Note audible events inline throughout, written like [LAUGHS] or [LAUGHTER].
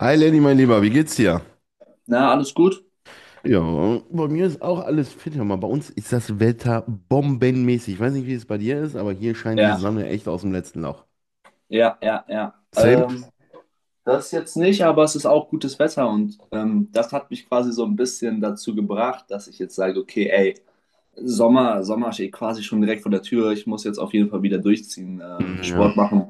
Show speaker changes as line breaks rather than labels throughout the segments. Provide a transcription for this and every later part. Hi Lenny, mein Lieber, wie geht's dir?
Na, alles gut?
Ja, bei mir ist auch alles fit. Hör mal, bei uns ist das Wetter bombenmäßig. Ich weiß nicht, wie es bei dir ist, aber hier scheint die
Ja,
Sonne echt aus dem letzten Loch.
ja, ja, ja.
Same?
Das jetzt nicht, aber es ist auch gutes Wetter und das hat mich quasi so ein bisschen dazu gebracht, dass ich jetzt sage, okay, ey, Sommer, Sommer steht quasi schon direkt vor der Tür. Ich muss jetzt auf jeden Fall wieder durchziehen,
Ja,
Sport machen.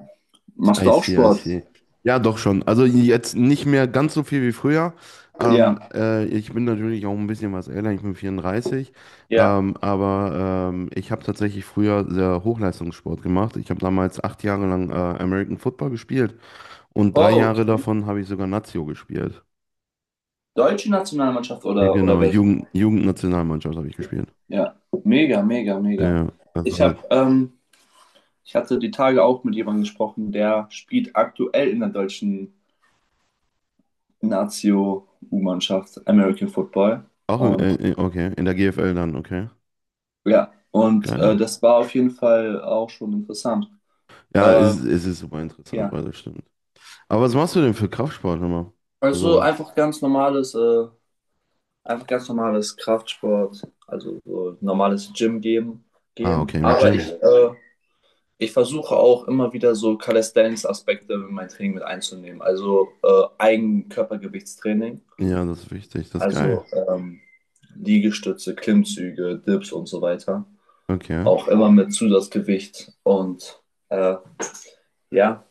Machst
I
du auch
see, I
Sport?
see. Ja, doch schon. Also jetzt nicht mehr ganz so viel wie früher.
Ja,
Ich bin natürlich auch ein bisschen was älter, ich bin 34.
ja.
Aber ich habe tatsächlich früher sehr Hochleistungssport gemacht. Ich habe damals 8 Jahre lang American Football gespielt und drei
Oh,
Jahre
okay.
davon habe ich sogar Nazio gespielt.
Deutsche Nationalmannschaft
Ja,
oder,
genau,
welche?
Jugendnationalmannschaft habe ich gespielt.
Ja, mega, mega, mega.
Ja,
Ich habe,
also
ähm, ich hatte die Tage auch mit jemandem gesprochen, der spielt aktuell in der deutschen Nazio U-Mannschaft, American Football.
auch in,
Und
okay, in der GFL dann, okay.
ja,
Geil.
das war auf jeden Fall auch schon interessant.
Ja,
Äh,
es ist super interessant,
ja,
weil das stimmt. Aber was machst du denn für Kraftsport immer?
also
Also,
einfach ganz normales Kraftsport, also so normales Gym gehen,
ah,
gehen.
okay, im
Aber ich,
Gym.
äh, ich versuche auch immer wieder so Calisthenics-Aspekte in mein Training mit einzunehmen. Also Eigenkörpergewichtstraining,
Ja, das ist wichtig, das ist geil.
also Liegestütze, Klimmzüge, Dips und so weiter,
Okay,
auch immer mit Zusatzgewicht und äh, ja,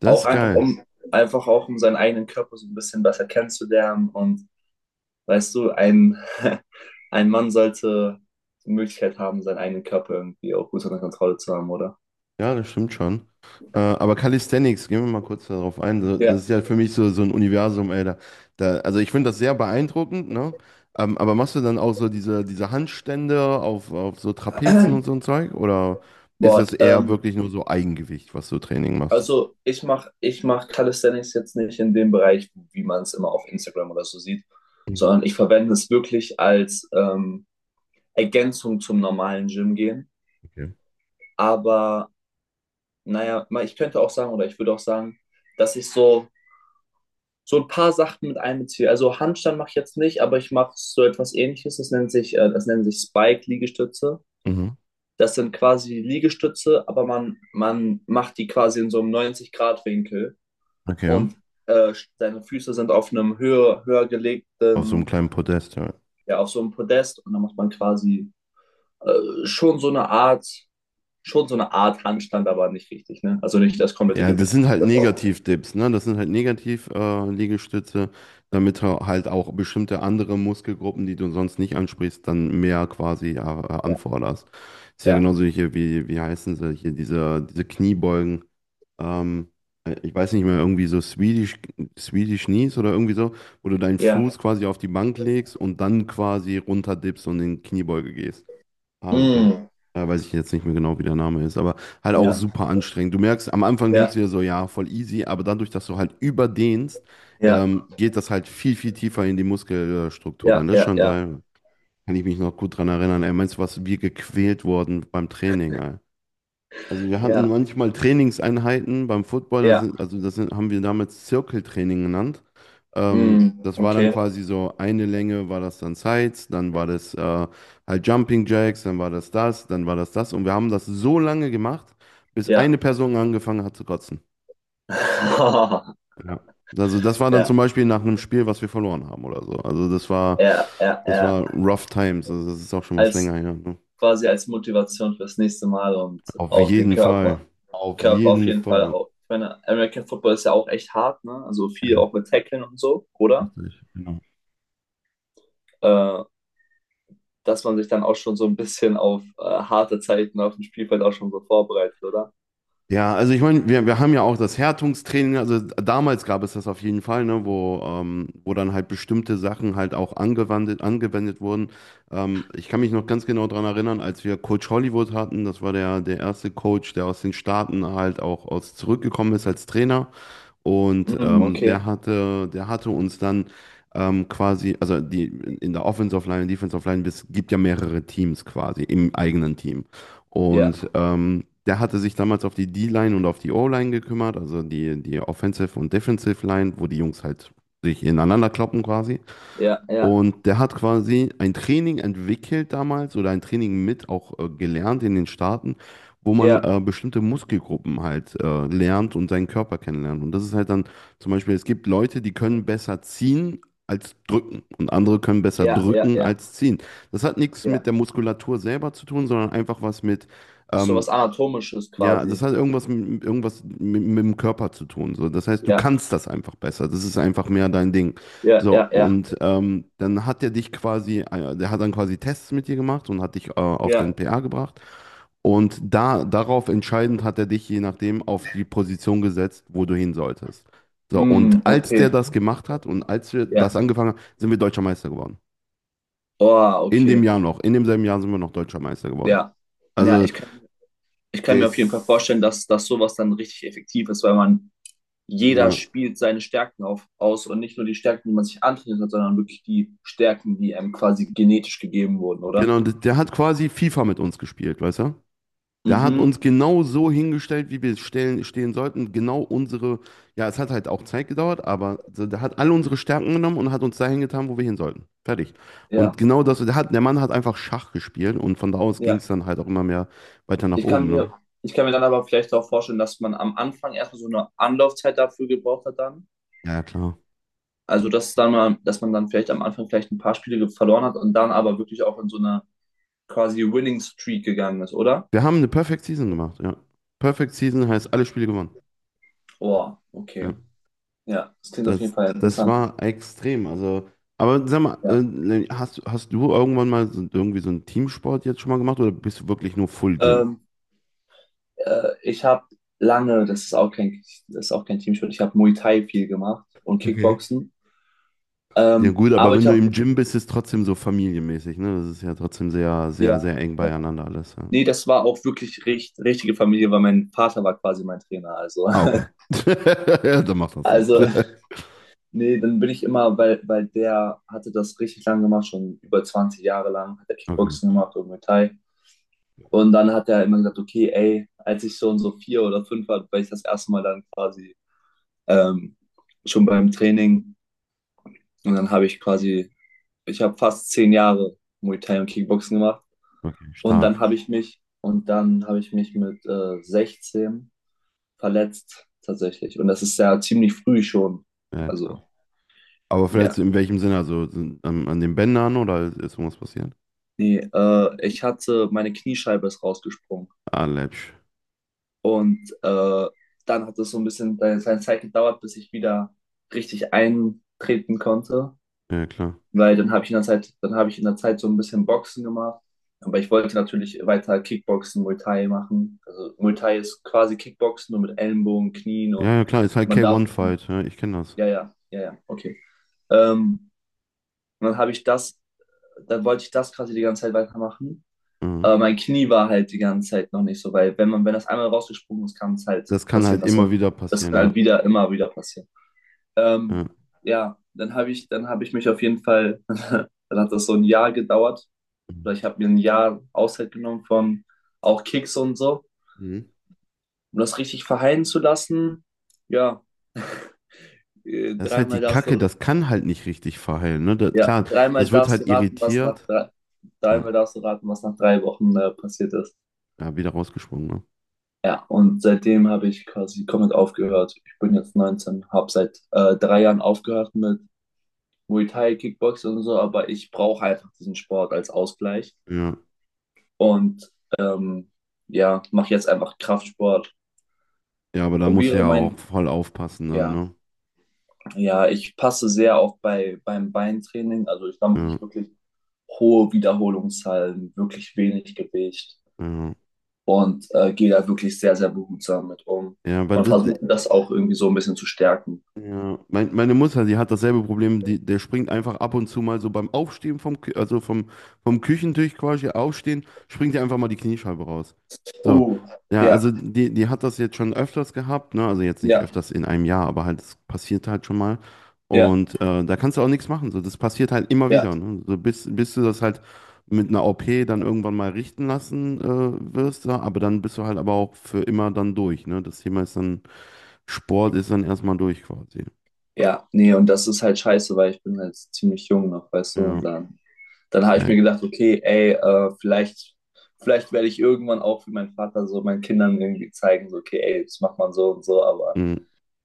das
auch
ist
einfach
geil.
um einfach auch um seinen eigenen Körper so ein bisschen besser kennenzulernen. Und weißt du, ein, [LAUGHS] ein Mann sollte die Möglichkeit haben, seinen eigenen Körper irgendwie auch gut unter Kontrolle zu haben, oder?
Ja, das stimmt schon. Aber Calisthenics, gehen wir mal kurz darauf ein. So, das
Ja.
ist ja für mich so, so ein Universum, ey. Also ich finde das sehr beeindruckend, ne? Aber machst du dann auch so diese Handstände auf so Trapezen und so
[CLEARS THROAT]
ein Zeug? Oder ist das
Boah,
eher wirklich nur so Eigengewicht, was du Training machst?
also ich mach Calisthenics jetzt nicht in dem Bereich, wie man es immer auf Instagram oder so sieht,
Mhm.
sondern ich verwende es wirklich als Ergänzung zum normalen Gym gehen.
Okay.
Aber naja, ich könnte auch sagen, oder ich würde auch sagen, dass ich so ein paar Sachen mit einbeziehe. Also Handstand mache ich jetzt nicht, aber ich mache so etwas Ähnliches. Das nennt sich Spike-Liegestütze.
Mhm.
Das sind quasi Liegestütze, aber man macht die quasi in so einem 90-Grad-Winkel
Okay.
und äh, seine Füße sind auf einem höher
Auf so einem
gelegten,
kleinen Podest, ja.
ja, auf so einem Podest, und dann macht man quasi äh, schon so eine Art, schon so eine Art Handstand, aber nicht richtig, ne? Also nicht das komplette
Ja, das
Gewicht.
sind halt Negativ-Dips, ne? Das sind halt Negativ-Liegestütze, damit du halt auch bestimmte andere Muskelgruppen, die du sonst nicht ansprichst, dann mehr quasi ja,
Ja,
anforderst. Ist ja
ja,
genauso hier, wie, wie heißen sie hier, diese Kniebeugen. Ähm, Ich weiß nicht mehr, irgendwie so Swedish Knees oder irgendwie so, wo du deinen Fuß
ja.
quasi auf die Bank legst und dann quasi runterdippst und in Kniebeuge gehst. Ah, ja,
Mm,
weiß ich jetzt nicht mehr genau, wie der Name ist, aber halt auch
ja,
super anstrengend. Du merkst, am Anfang denkst du
ja,
dir so, ja, voll easy, aber dadurch, dass du halt überdehnst,
ja,
geht das halt viel, viel tiefer in die Muskelstruktur
ja,
rein. Das ist
ja,
schon
ja,
geil. Kann ich mich noch gut dran erinnern. Ey, meinst du, was wir gequält wurden beim Training, ey? Also wir
ja,
hatten
ja,
manchmal Trainingseinheiten beim Football,
ja.
das sind, haben wir damals Zirkeltraining genannt.
Mm,
Das war dann
okay,
quasi so eine Länge, war das dann Sides, dann war das halt Jumping Jacks, dann war das das, dann war das das. Und wir haben das so lange gemacht, bis eine
ja.
Person angefangen hat zu kotzen.
[LAUGHS]
Ja. Also das war dann zum
Ja,
Beispiel nach einem Spiel, was wir verloren haben oder so. Also
ja, ja,
das
ja.
war Rough Times. Also das ist auch schon was länger
Als
her. Ne?
als Motivation fürs nächste Mal und
Auf
auch den
jeden Fall.
Körper.
Auf
Körper auf
jeden
jeden Fall
Fall.
auch. Ich meine, American Football ist ja auch echt hart, ne? Also
Ja,
viel auch mit Tacklen und so, oder?
richtig, genau.
Äh, dass man sich dann auch schon so ein bisschen auf harte Zeiten auf dem Spielfeld auch schon so vorbereitet, oder?
Ja, also ich meine, wir haben ja auch das Härtungstraining, also damals gab es das auf jeden Fall, ne, wo, wo dann halt bestimmte Sachen halt auch angewendet wurden. Ich kann mich noch ganz genau daran erinnern, als wir Coach Hollywood hatten, das war der erste Coach, der aus den Staaten halt auch aus zurückgekommen ist als Trainer. Und
Mm, okay.
der hatte uns dann die in der Offensive Line, Defensive Line, es gibt ja mehrere Teams quasi im eigenen Team.
Ja,
Und der hatte sich damals auf die D-Line und auf die O-Line gekümmert, also die Offensive und Defensive Line, wo die Jungs halt sich ineinander kloppen quasi.
ja, ja,
Und der hat quasi ein Training entwickelt damals oder ein Training mit auch gelernt in den Staaten, wo man
ja,
bestimmte Muskelgruppen halt lernt und seinen Körper kennenlernt. Und das ist halt dann zum Beispiel, es gibt Leute, die können besser ziehen als drücken und andere können besser
ja, ja,
drücken
ja,
als ziehen. Das hat nichts mit der
ja.
Muskulatur selber zu tun, sondern einfach was mit
Ist
ähm,
sowas Anatomisches
ja, das
quasi.
hat irgendwas, mit irgendwas mit dem Körper zu tun. So. Das heißt, du
Ja,
kannst das einfach besser. Das ist einfach mehr dein Ding.
ja,
So,
ja, ja.
und dann hat er dich quasi, der hat dann quasi Tests mit dir gemacht und hat dich auf deinen
Ja.
PA gebracht. Und da, darauf entscheidend hat er dich je nachdem auf die Position gesetzt, wo du hin solltest. So,
Mm,
und als der
okay.
das gemacht hat und als wir das
Ja.
angefangen haben, sind wir Deutscher Meister geworden.
Oh,
In dem
okay.
Jahr noch. In demselben Jahr sind wir noch Deutscher Meister geworden.
Ja. Ja,
Also,
ich kann mir auf jeden Fall
das.
vorstellen, dass, dass sowas dann richtig effektiv ist, weil man jeder
Ja.
spielt seine Stärken aus, und nicht nur die Stärken, die man sich antrainiert hat, sondern wirklich die Stärken, die einem quasi genetisch gegeben wurden, oder?
Genau, und der hat quasi FIFA mit uns gespielt, weißt du? Der hat
Mhm.
uns genau so hingestellt, wie wir stehen sollten. Genau unsere, ja, es hat halt auch Zeit gedauert, aber so, der hat alle unsere Stärken genommen und hat uns dahin getan, wo wir hin sollten. Fertig.
Ja,
Und genau das, der Mann hat einfach Schach gespielt und von da aus ging
ja.
es dann halt auch immer mehr weiter nach
Ich kann
oben,
mir,
ne?
ich kann mir dann aber vielleicht auch vorstellen, dass man am Anfang erstmal so eine Anlaufzeit dafür gebraucht hat dann.
Ja, ja, klar.
Also, dass dann mal, dass man dann vielleicht am Anfang vielleicht ein paar Spiele verloren hat und dann aber wirklich auch in so eine quasi Winning Streak gegangen ist, oder?
Wir haben eine Perfect Season gemacht, ja. Perfect Season heißt alle Spiele gewonnen.
Boah, okay.
Ja.
Ja, das klingt auf jeden Fall
Das
interessant.
war extrem. Also, aber sag mal,
Ja.
ne, hast du irgendwann mal so, irgendwie so einen Teamsport jetzt schon mal gemacht oder bist du wirklich nur Full Gym?
Ähm, äh, ich habe lange, das ist auch kein, das ist auch kein Teamsport, ich habe Muay Thai viel gemacht und
Okay.
Kickboxen.
Ja
Ähm,
gut, aber
aber
wenn
ich
du
habe,
im Gym bist, ist es trotzdem so familienmäßig, ne? Das ist ja trotzdem sehr, sehr, sehr
ja,
eng
ja.
beieinander alles. Ja.
Nee, das war auch wirklich richtige Familie, weil mein Vater war quasi mein Trainer. Also,
Ah, okay.
[LAUGHS]
[LAUGHS] Ja, dann macht das Sinn.
also
[LAUGHS]
nee, dann bin ich immer, weil der hatte das richtig lang gemacht, schon über 20 Jahre lang, hat er
Okay,
Kickboxen gemacht und Muay Thai. Und dann hat er immer gesagt, okay, ey, als ich so und so vier oder fünf war, war ich das erste Mal dann quasi ähm, schon beim Training. Und dann habe ich quasi, ich habe fast 10 Jahre Muay Thai und Kickboxen gemacht.
okay,
Und dann
stark.
habe ich mich, und dann habe ich mich mit 16 verletzt tatsächlich. Und das ist ja ziemlich früh schon.
Ja.
Also,
Aber vielleicht
ja.
so in welchem Sinne? Also sind, an den Bändern oder ist irgendwas passiert?
Nee, meine Kniescheibe ist rausgesprungen.
Ah, läppsch.
Und dann hat es so ein bisschen seine Zeit gedauert, bis ich wieder richtig eintreten konnte.
Ja, klar.
Weil dann habe ich in der Zeit, dann habe ich in der Zeit so ein bisschen Boxen gemacht. Aber ich wollte natürlich weiter Kickboxen, Muay Thai machen. Also Muay Thai ist quasi Kickboxen, nur mit Ellenbogen, Knien
Ja,
und
ja, klar, ist halt
man darf.
K1-Fight. Ja, ich kenne das.
Ja, ja, ja, ja, okay. Ähm, und dann habe ich das, dann wollte ich das quasi die ganze Zeit weitermachen.
Ja.
Aber mein Knie war halt die ganze Zeit noch nicht so, weil wenn man, wenn das einmal rausgesprungen ist, kann es halt
Das kann
passieren.
halt immer
Also
wieder
das
passieren,
kann
ja.
halt wieder, immer wieder passieren.
Ja.
Ähm, ja, dann habe ich mich auf jeden Fall, [LAUGHS] dann hat das so ein Jahr gedauert. Oder ich habe mir ein Jahr Auszeit genommen von auch Kicks und so,
Mhm.
um das richtig verheilen zu lassen. Ja, äh,
Das ist halt
dreimal
die
darfst
Kacke,
du,
das kann halt nicht richtig verheilen, ne? Da-
ja,
klar,
dreimal
das wird
darfst du
halt
raten, was nach
irritiert.
drei,
Ja,
dreimal darfst du raten, was nach 3 Wochen passiert ist.
ja wieder rausgesprungen, ne?
Ja, und seitdem habe ich quasi komplett aufgehört. Ich bin jetzt 19, habe seit 3 Jahren aufgehört mit Muay Thai, Kickboxen und so, aber ich brauche einfach diesen Sport als Ausgleich
Ja.
und ähm, ja, mache jetzt einfach Kraftsport,
Ja, aber da muss
probiere
ja auch
mein,
voll aufpassen dann,
ja,
ne?
ja, ich passe sehr auf beim Beintraining, also da mache
Ja,
ich wirklich hohe Wiederholungszahlen, wirklich wenig Gewicht
ja.
und gehe da wirklich sehr, sehr behutsam mit um
Ja, weil
und
das,
versuche das auch irgendwie so ein bisschen zu stärken.
ja, meine Mutter, die hat dasselbe Problem, die, der springt einfach ab und zu mal so beim Aufstehen vom, Kü- also vom, vom Küchentisch quasi aufstehen, springt ihr einfach mal die Kniescheibe raus. So,
Oh,
ja, also
ja,
die hat das jetzt schon öfters gehabt, ne? Also jetzt nicht
ja,
öfters in einem Jahr, aber halt, es passiert halt schon mal.
ja,
Und da kannst du auch nichts machen. So, das passiert halt immer
ja,
wieder, ne? So, bis du das halt mit einer OP dann irgendwann mal richten lassen wirst, ja, aber dann bist du halt aber auch für immer dann durch, ne? Das Thema ist dann. Sport ist dann erstmal durch quasi.
ja. Nee, und das ist halt scheiße, weil ich bin halt ziemlich jung noch, weißt du,
Ja,
und dann habe ich
ey,
mir gedacht, okay, ey, vielleicht werde ich irgendwann auch wie mein Vater so meinen Kindern irgendwie zeigen, so, okay, ey, das macht man so und so, aber
mhm.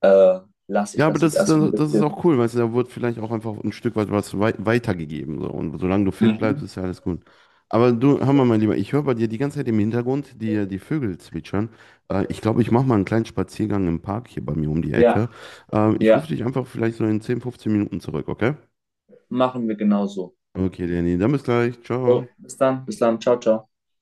äh, lasse ich
Ja, aber
das jetzt
das ist
erstmal ein
dann, das ist auch
bisschen.
cool, weißt du, da wird vielleicht auch einfach ein Stück weit was weitergegeben. So. Und solange du fit bleibst,
Mhm.
ist ja alles gut. Aber du, hör mal, mein Lieber, ich höre bei dir die ganze Zeit im Hintergrund die Vögel zwitschern. Ich glaube, ich mache mal einen kleinen Spaziergang im Park hier bei mir um die Ecke.
Ja,
Ich rufe
ja,
dich einfach vielleicht so in 10, 15 Minuten zurück, okay?
machen wir genauso.
Okay, Danny, dann bis gleich.
Jo,
Ciao.
bis dann, ciao, ciao.